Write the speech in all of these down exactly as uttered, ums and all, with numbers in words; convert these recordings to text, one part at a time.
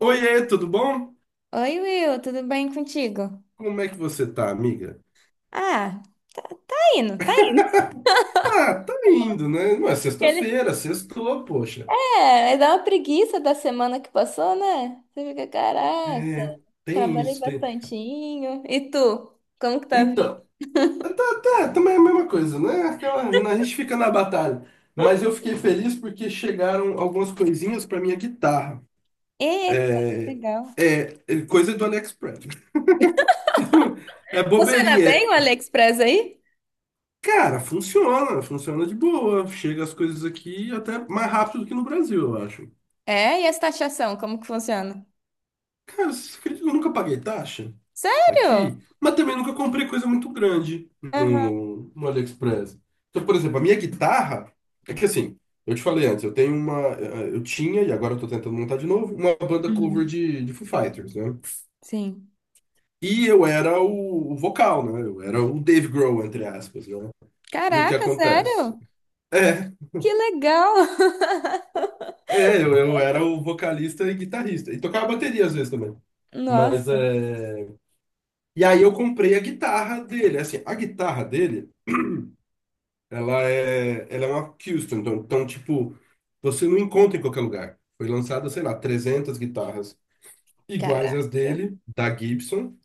Oiê, tudo bom? Oi, Will, tudo bem contigo? Como é que você tá, amiga? Ah, tá, tá indo, tá indo. Ah, tá indo, né? Não é Ele- sexta-feira, sextou, poxa. É, dá uma preguiça da semana que passou, né? Você fica, caraca, É, tem trabalhei isso, tem. bastantinho. E tu? Como que tá vindo? Então, tá, tá, tá, também é a mesma coisa, né? Aquela, né, a gente fica na batalha. Mas eu fiquei feliz porque chegaram algumas coisinhas pra minha guitarra. Eita, que É, legal. é, é coisa do AliExpress. É Funciona bobeirinha. bem o É- AliExpress aí? Cara, funciona, funciona de boa. Chega as coisas aqui até mais rápido do que no Brasil, eu acho. É, e as taxação, como que funciona? Cara, você acredita que eu nunca paguei taxa Sério? aqui? Mas também nunca comprei coisa muito grande Aham. no, no AliExpress. Então, por exemplo, a minha guitarra, é que assim, eu te falei antes, eu tenho uma, eh, eu tinha, e agora eu tô tentando montar de novo, uma banda cover Uhum. de, de Foo Fighters, né? Sim. E eu era o, o vocal, né? Eu era o Dave Grohl, entre aspas, né? E o que Caraca, acontece? sério? É, Que legal. é, eu, eu era o vocalista e guitarrista. E tocava bateria às vezes também. Mas Nossa. é. E aí eu comprei a guitarra dele. Assim, a guitarra dele. Ela é, ela é uma custom então, então, tipo, você não encontra em qualquer lugar. Foi lançada, sei lá, trezentas guitarras Caraca. iguais às dele, da Gibson,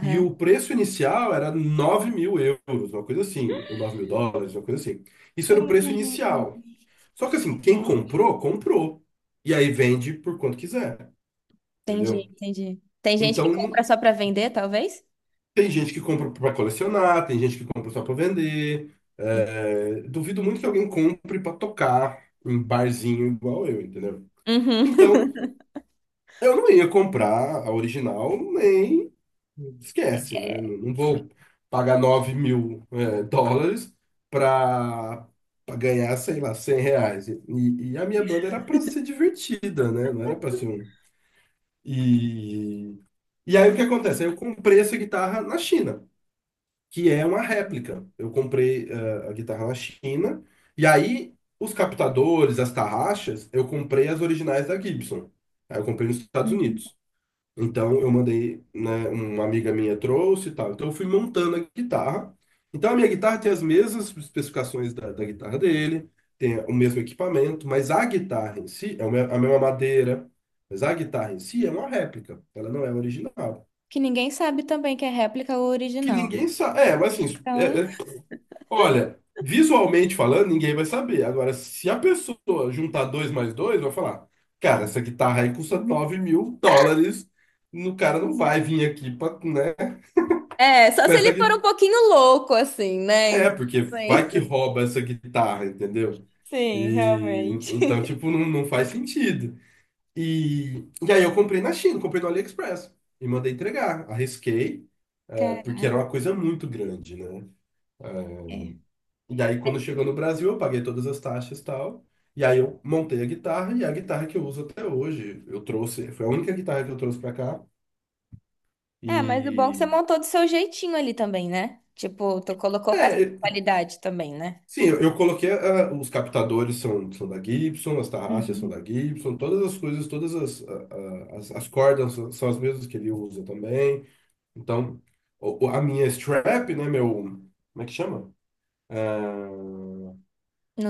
e o preço inicial era nove mil euros, uma coisa assim, ou nove mil dólares, uma coisa assim. Isso era o preço Hum. inicial. Só que assim, quem comprou, comprou. E aí vende por quanto quiser, Entendi, entendeu? entendi. Tem gente que Então, compra não- só pra vender, talvez? tem gente que compra para colecionar, tem gente que compra só para vender. Sim. É, duvido muito que alguém compre para tocar em barzinho igual eu, entendeu? Uhum. Então, eu não ia comprar a original, nem esquece, né? É, Não, não sim. vou pagar nove mil é, dólares para ganhar, sei lá, cem reais. E, e a minha banda era para ser divertida, né? Não era para ser um. E, e aí o que acontece? Aí eu comprei essa guitarra na China que é uma réplica. Eu comprei eh, a guitarra na China, e aí os captadores, as tarraxas, eu comprei as originais da Gibson. Aí eu comprei nos Estados Uhum. Unidos. Então eu mandei, né, uma amiga minha trouxe e tal. Então eu fui montando a guitarra. Então a minha guitarra tem as mesmas especificações da, da guitarra dele, tem o mesmo equipamento, mas a guitarra em si é o me- a mesma madeira, mas a guitarra em si é uma réplica, ela não é original. Que ninguém sabe também que é réplica ou Que original. ninguém sabe. É, mas assim, é, Então. é olha, visualmente falando, ninguém vai saber. Agora, se a pessoa juntar dois mais dois, vai falar: cara, essa guitarra aí custa nove mil dólares. O cara não vai vir aqui pra, né, É, só com se essa ele for guitarra. um pouquinho louco, assim, né? É, Então, porque vai bem. que rouba essa guitarra, entendeu? Sim, E realmente. então, tipo, não, não faz sentido. E, e aí eu comprei na China, comprei no AliExpress e mandei entregar. Arrisquei, é, porque era Caraca. uma coisa muito grande, né? É, É. e aí, quando chegou no Brasil, eu paguei todas as taxas e tal. E aí, eu montei a guitarra e é a guitarra que eu uso até hoje. Eu trouxe, foi a única guitarra que eu trouxe pra cá. É, mas o bom é que você E. montou do seu jeitinho ali também, né? Tipo, tu colocou peça de É, qualidade também, né? sim, eu, eu coloquei. Ah, os captadores são, são da Gibson, as tarraxas são Uhum. da Gibson, todas as coisas, todas as, ah, ah, as, as cordas são são as mesmas que ele usa também. Então, o- o- a minha strap, né, meu. Como é que chama?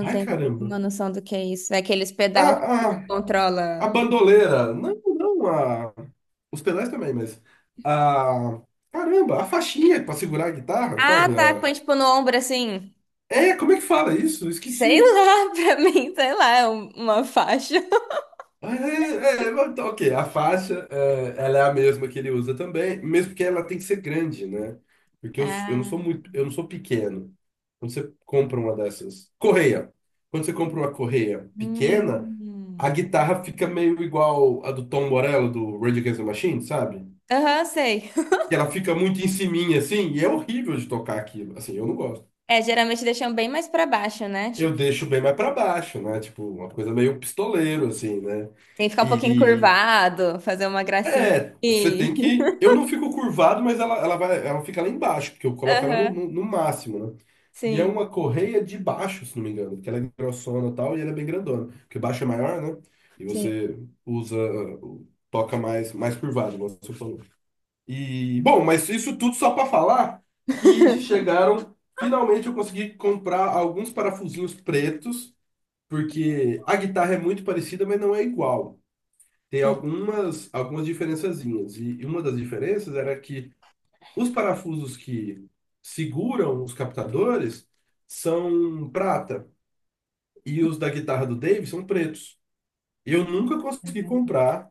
Ah, ai, tem nenhuma caramba. noção do que é isso. É aqueles pedal que Ah, tipo, ah, a controla. bandoleira. Não, não, a. Os pedais também, mas. A... Caramba, a faixinha pra segurar a guitarra, Ah, sabe? tá, A- põe tipo no ombro assim. É, como é que fala isso? Eu Sei esqueci. lá, pra mim, sei lá, é um- uma faixa. Ah, É, é, é, tá, ok, a faixa, é, ela é a mesma que ele usa também, mesmo que ela tem que ser grande, né? Porque eu, eu não sou Ah, muito, eu não sou pequeno. Quando você compra uma dessas. Correia. Quando você compra uma correia pequena, a hum. guitarra fica meio igual a do Tom Morello, do Rage Against the Machine, sabe? Aham, sei. Que ela fica muito em ciminha, assim, e é horrível de tocar aquilo. Assim, eu não gosto. É, geralmente deixam bem mais pra baixo, né? Eu Tipo, deixo bem mais pra baixo, né? Tipo, uma coisa meio pistoleiro, assim, né? tem que ficar um pouquinho E curvado, fazer uma gracinha. é, você E- tem que. Eu não fico curvado, mas ela, ela vai, ela fica lá embaixo, porque eu coloco ela no, Aham, no, no máximo, né? E é sim, uma correia de baixo, se não me engano, porque ela é grossona e tal, e ela é bem grandona. Porque baixo é maior, né? E sim, você usa, toca mais, mais curvado, como você falou. E, bom, mas isso tudo só para falar que chegaram. Finalmente eu consegui comprar alguns parafusinhos pretos porque a guitarra é muito parecida, mas não é igual. Tem sim. algumas, algumas, diferençazinhas. E e uma das diferenças era que os parafusos que seguram os captadores são prata e os da guitarra do Dave são pretos. Eu nunca consegui comprar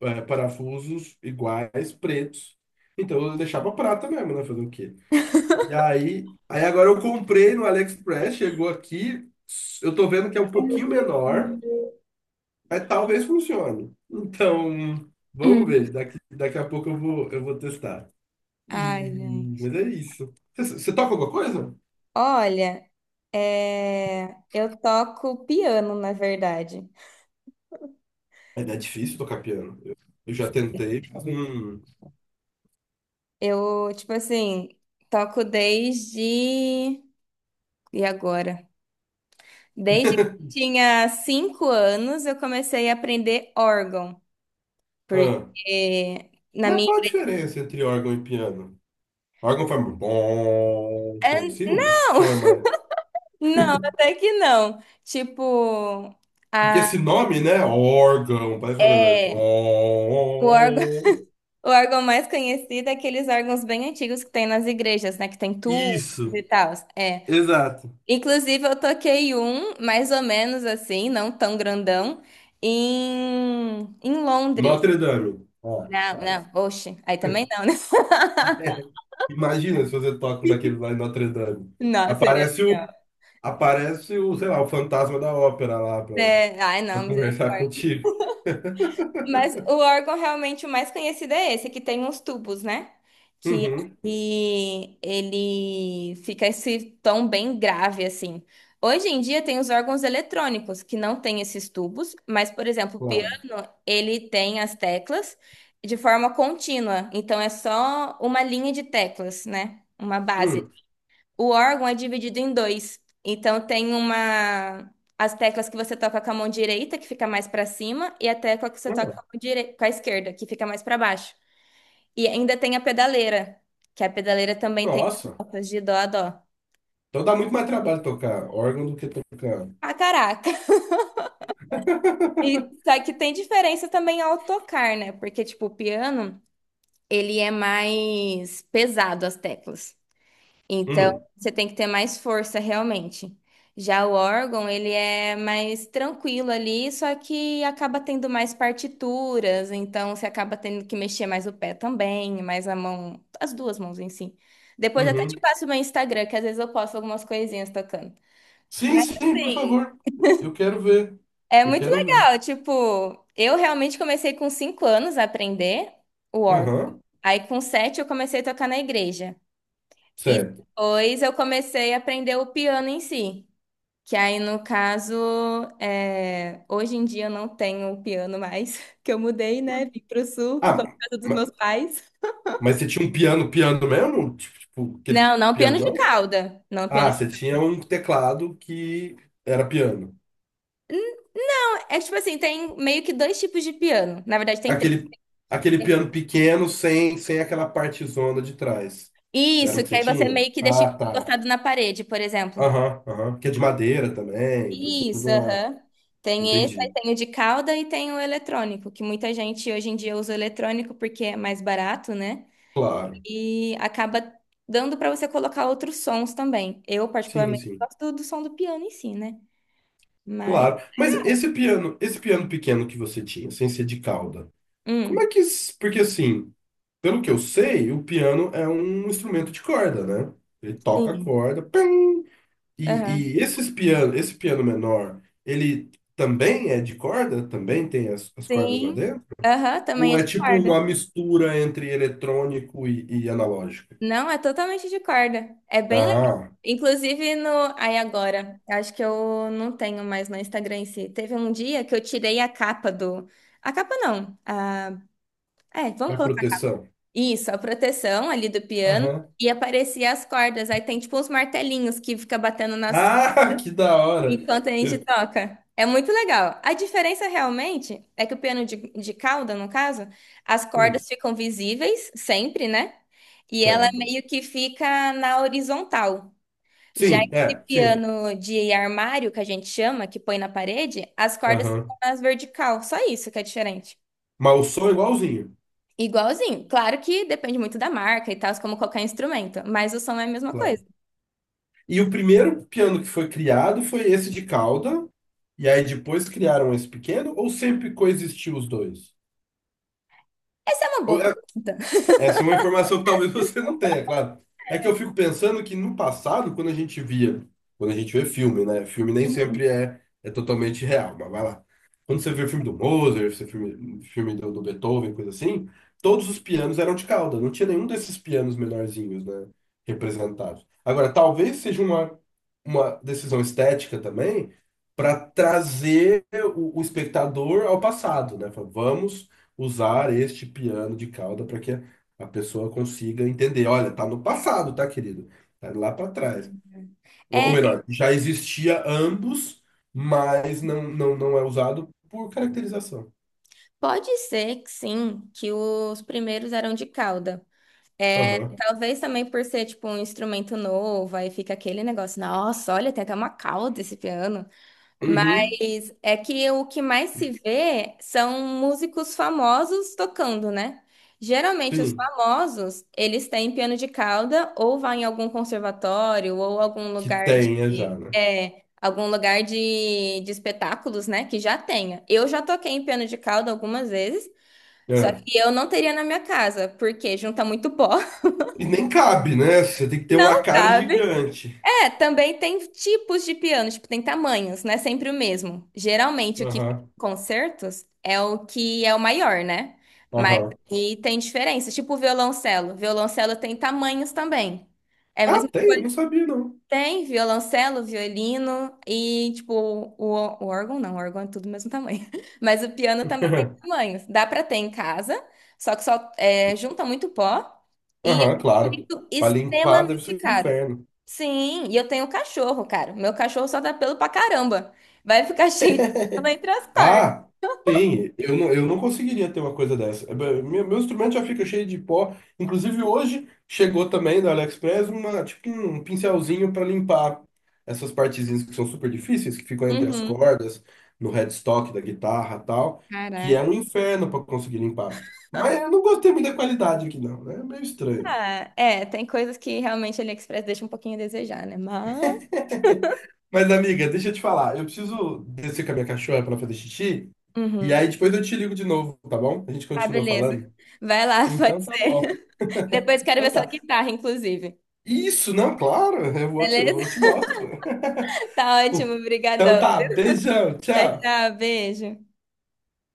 eh, parafusos iguais, pretos. Então eu deixava prata mesmo, né? Fazer o quê? E aí, aí agora eu comprei no AliExpress, chegou aqui, eu tô vendo que é um pouquinho menor. Mas talvez funcione. Então, vamos Hum. ver. Daqui, daqui a pouco eu vou, eu vou testar. Ai, E, gente. mas é isso. Você, você toca alguma coisa? Olha, é, eu toco piano, na verdade. É, é difícil tocar piano. Eu, eu já tentei, mas, Hum, Eu, tipo assim, toco desde. E agora? Desde que eu tinha cinco anos, eu comecei a aprender órgão, porque ah, na mas minha. qual a diferença entre órgão e piano? Órgão faz bom, É, coisa assim, o não, som é mais. não, até que não. Tipo, Porque a, esse nome, né? Órgão, parece uma coisa. é, o órgão, Bom. o órgão mais conhecido é aqueles órgãos bem antigos que tem nas igrejas, né? Que tem tubos Isso, e tal. É. exato. Inclusive, eu toquei um, mais ou menos assim, não tão grandão, em, em Londres. Notre Dame. Ah, Não, quase. não, oxe, aí também não, né? Imagina se você toca naquele lá em Notre Dame. Não, seria Aparece o, legal. aparece o, sei lá, o fantasma da ópera lá pra, É, ai, pra não, conversar misericórdia. contigo. Mas o órgão realmente o mais conhecido é esse, que tem uns tubos, né? Que Uhum, ele, ele fica esse tom bem grave, assim. Hoje em dia tem os órgãos eletrônicos, que não tem esses tubos, mas, por exemplo, o claro. piano, ele tem as teclas de forma contínua. Então, é só uma linha de teclas, né? Uma base. Hum, O órgão é dividido em dois. Então tem uma as teclas que você toca com a mão direita, que fica mais para cima, e a tecla que você toca ah, com a, mão direi- com a esquerda, que fica mais para baixo. E ainda tem a pedaleira, que a pedaleira também tem as nossa. notas de dó a dó. Então dá muito mais trabalho tocar órgão do que tocar. Ah, caraca. E só que tem diferença também ao tocar, né? Porque tipo, o piano, ele é mais pesado as teclas. Então, Hum, você tem que ter mais força realmente. Já o órgão, ele é mais tranquilo ali, só que acaba tendo mais partituras, então você acaba tendo que mexer mais o pé também, mais a mão, as duas mãos em si. Depois até te uhum. passo o meu Instagram, que às vezes eu posto algumas coisinhas tocando. Sim, Mas sim, por assim, favor. Eu quero ver. é Eu muito quero ver. legal, tipo, eu realmente comecei com cinco anos a aprender o órgão. Aham, Aí com sete eu comecei a tocar na igreja. E certo. depois eu comecei a aprender o piano em si. Que aí, no caso, é, hoje em dia eu não tenho o piano mais, que eu mudei, né? Hum, Vim pro sul, ficou Ah, na casa dos ma- meus pais. mas você tinha um piano, piano mesmo? Tipo, tipo, aquele Não, não piano piano de não? cauda. Não piano Ah, de... você tinha um teclado que era piano. É tipo assim, tem meio que dois tipos de piano. Na verdade, tem três. Aquele, aquele Né? piano pequeno sem, sem aquela partezona de trás. Era o Isso, que que você aí você tinha? meio que deixa Ah, tá. encostado na parede, por exemplo. Aham, aham. Que é de madeira também, tem toda Isso, uma. aham. Tem esse, aí Entendi. tem o de cauda e tem o eletrônico, que muita gente hoje em dia usa o eletrônico porque é mais barato, né? Claro. E acaba dando para você colocar outros sons também. Eu, Sim, particularmente, sim. gosto do som do piano em si, né? Mas. Claro. Mas esse piano, esse piano pequeno que você tinha, sem ser de cauda, como é Hum, que. s- Porque assim, pelo que eu sei, o piano é um instrumento de corda, né? Ele toca a sim. corda. Aham. E, e esses piano, esse piano menor, ele também é de corda? Também tem as, as cordas lá Sim. dentro? Aham, também Ou é é de tipo corda. uma mistura entre eletrônico e, e analógico? Não, é totalmente de corda. É bem legal. Ah, Inclusive no. Aí agora. Acho que eu não tenho mais no Instagram em si. Teve um dia que eu tirei a capa do. A capa não. A... É, vamos a colocar. proteção. Isso, a proteção ali do piano. Aham. E aparecia as cordas. Aí tem tipo uns martelinhos que fica batendo nas Ah, que da hora! enquanto a gente Eu- toca. É muito legal. A diferença realmente é que o piano de, de cauda, no caso, as hum, cordas ficam visíveis sempre, né? E ela certo. meio que fica na horizontal. Já Sim, esse é, sim. piano de armário, que a gente chama, que põe na parede, as cordas Aham. ficam nas vertical. Só isso que é diferente. Mas o som é igualzinho, Igualzinho. Claro que depende muito da marca e tal, como qualquer instrumento, mas o som é a mesma claro. coisa. E o primeiro piano que foi criado foi esse de cauda, e aí depois criaram esse pequeno, ou sempre coexistiu os dois? Essa é uma Ou boa pergunta. Essa é uma informação que talvez você não tenha, claro. É que eu fico pensando que no passado, quando a gente via, quando a gente vê filme, né? Filme nem sempre Uhum. é, é totalmente real, mas vai lá. Quando você vê o filme do Mozart, você filme, filme do, do Beethoven, coisa assim, todos os pianos eram de cauda, não tinha nenhum desses pianos menorzinhos, né? Representados. Agora, talvez seja uma, uma decisão estética também para trazer o, o espectador ao passado, né? Fala: vamos usar este piano de cauda para que a pessoa consiga entender. Olha, tá no passado, tá, querido? Tá lá para trás. Ou, ou É, melhor, já existia ambos, mas não, não, não é usado por caracterização. pode ser que sim, que os primeiros eram de cauda. Aham. Talvez também por ser, tipo, um instrumento novo, aí fica aquele negócio, nossa, olha, tem até uma cauda esse piano. Uhum. Mas é que o que mais se vê são músicos famosos tocando, né? Geralmente os Sim. famosos, eles têm piano de cauda ou vai em algum conservatório ou algum Que lugar de... tenha já, né? É, algum lugar de, de espetáculos, né, que já tenha. Eu já toquei em piano de cauda algumas vezes, só É. que eu não teria na minha casa, porque junta muito pó. E nem cabe, né? Você tem que ter uma Não, cara sabe? gigante. É, também tem tipos de piano, tipo, tem tamanhos, não é sempre o mesmo. Geralmente o que fica Aham. em concertos é o que é o maior, né? Mas Aham. e tem diferença, tipo o violoncelo. Violoncelo tem tamanhos também. É a Ah, mesma. tem? Eu não sabia, não. Tem violoncelo, violino e, tipo, o, o órgão não, o órgão é tudo do mesmo tamanho. Mas o piano também tem tamanhos. Dá pra ter em casa, só que só é, junta muito pó e é Aham, um claro. instrumento Pra limpar deve extremamente ser um caro. inferno. Sim, e eu tenho cachorro, cara. Meu cachorro só dá pelo pra caramba. Vai ficar cheio de pelo entre as cordas. Ah, sim, eu não, eu não conseguiria ter uma coisa dessa. É, be- Meu, meu instrumento já fica cheio de pó. Inclusive, hoje chegou também da AliExpress uma, tipo um pincelzinho para limpar essas partezinhas que são super difíceis, que ficam entre as Uhum. cordas, no headstock da guitarra e tal, que é Caraca. um inferno para conseguir limpar. Mas eu não gostei muito da qualidade aqui, não, né? É meio estranho. Ah, é, tem coisas que realmente a AliExpress deixa um pouquinho a desejar, né? Mas. Mas, amiga, deixa eu te falar, eu preciso descer com a minha cachorra para fazer xixi, e Uhum. aí depois eu te ligo de novo, tá bom? A gente Ah, continua beleza. falando. Vai lá, pode Então tá bom. ser. Depois quero Então ver sua tá. guitarra, inclusive. Isso, não, claro, eu vou te, eu Beleza? vou te mostro. Tá ótimo, Então brigadão. tá, beijão, Tchau, tchau. tchau, beijo.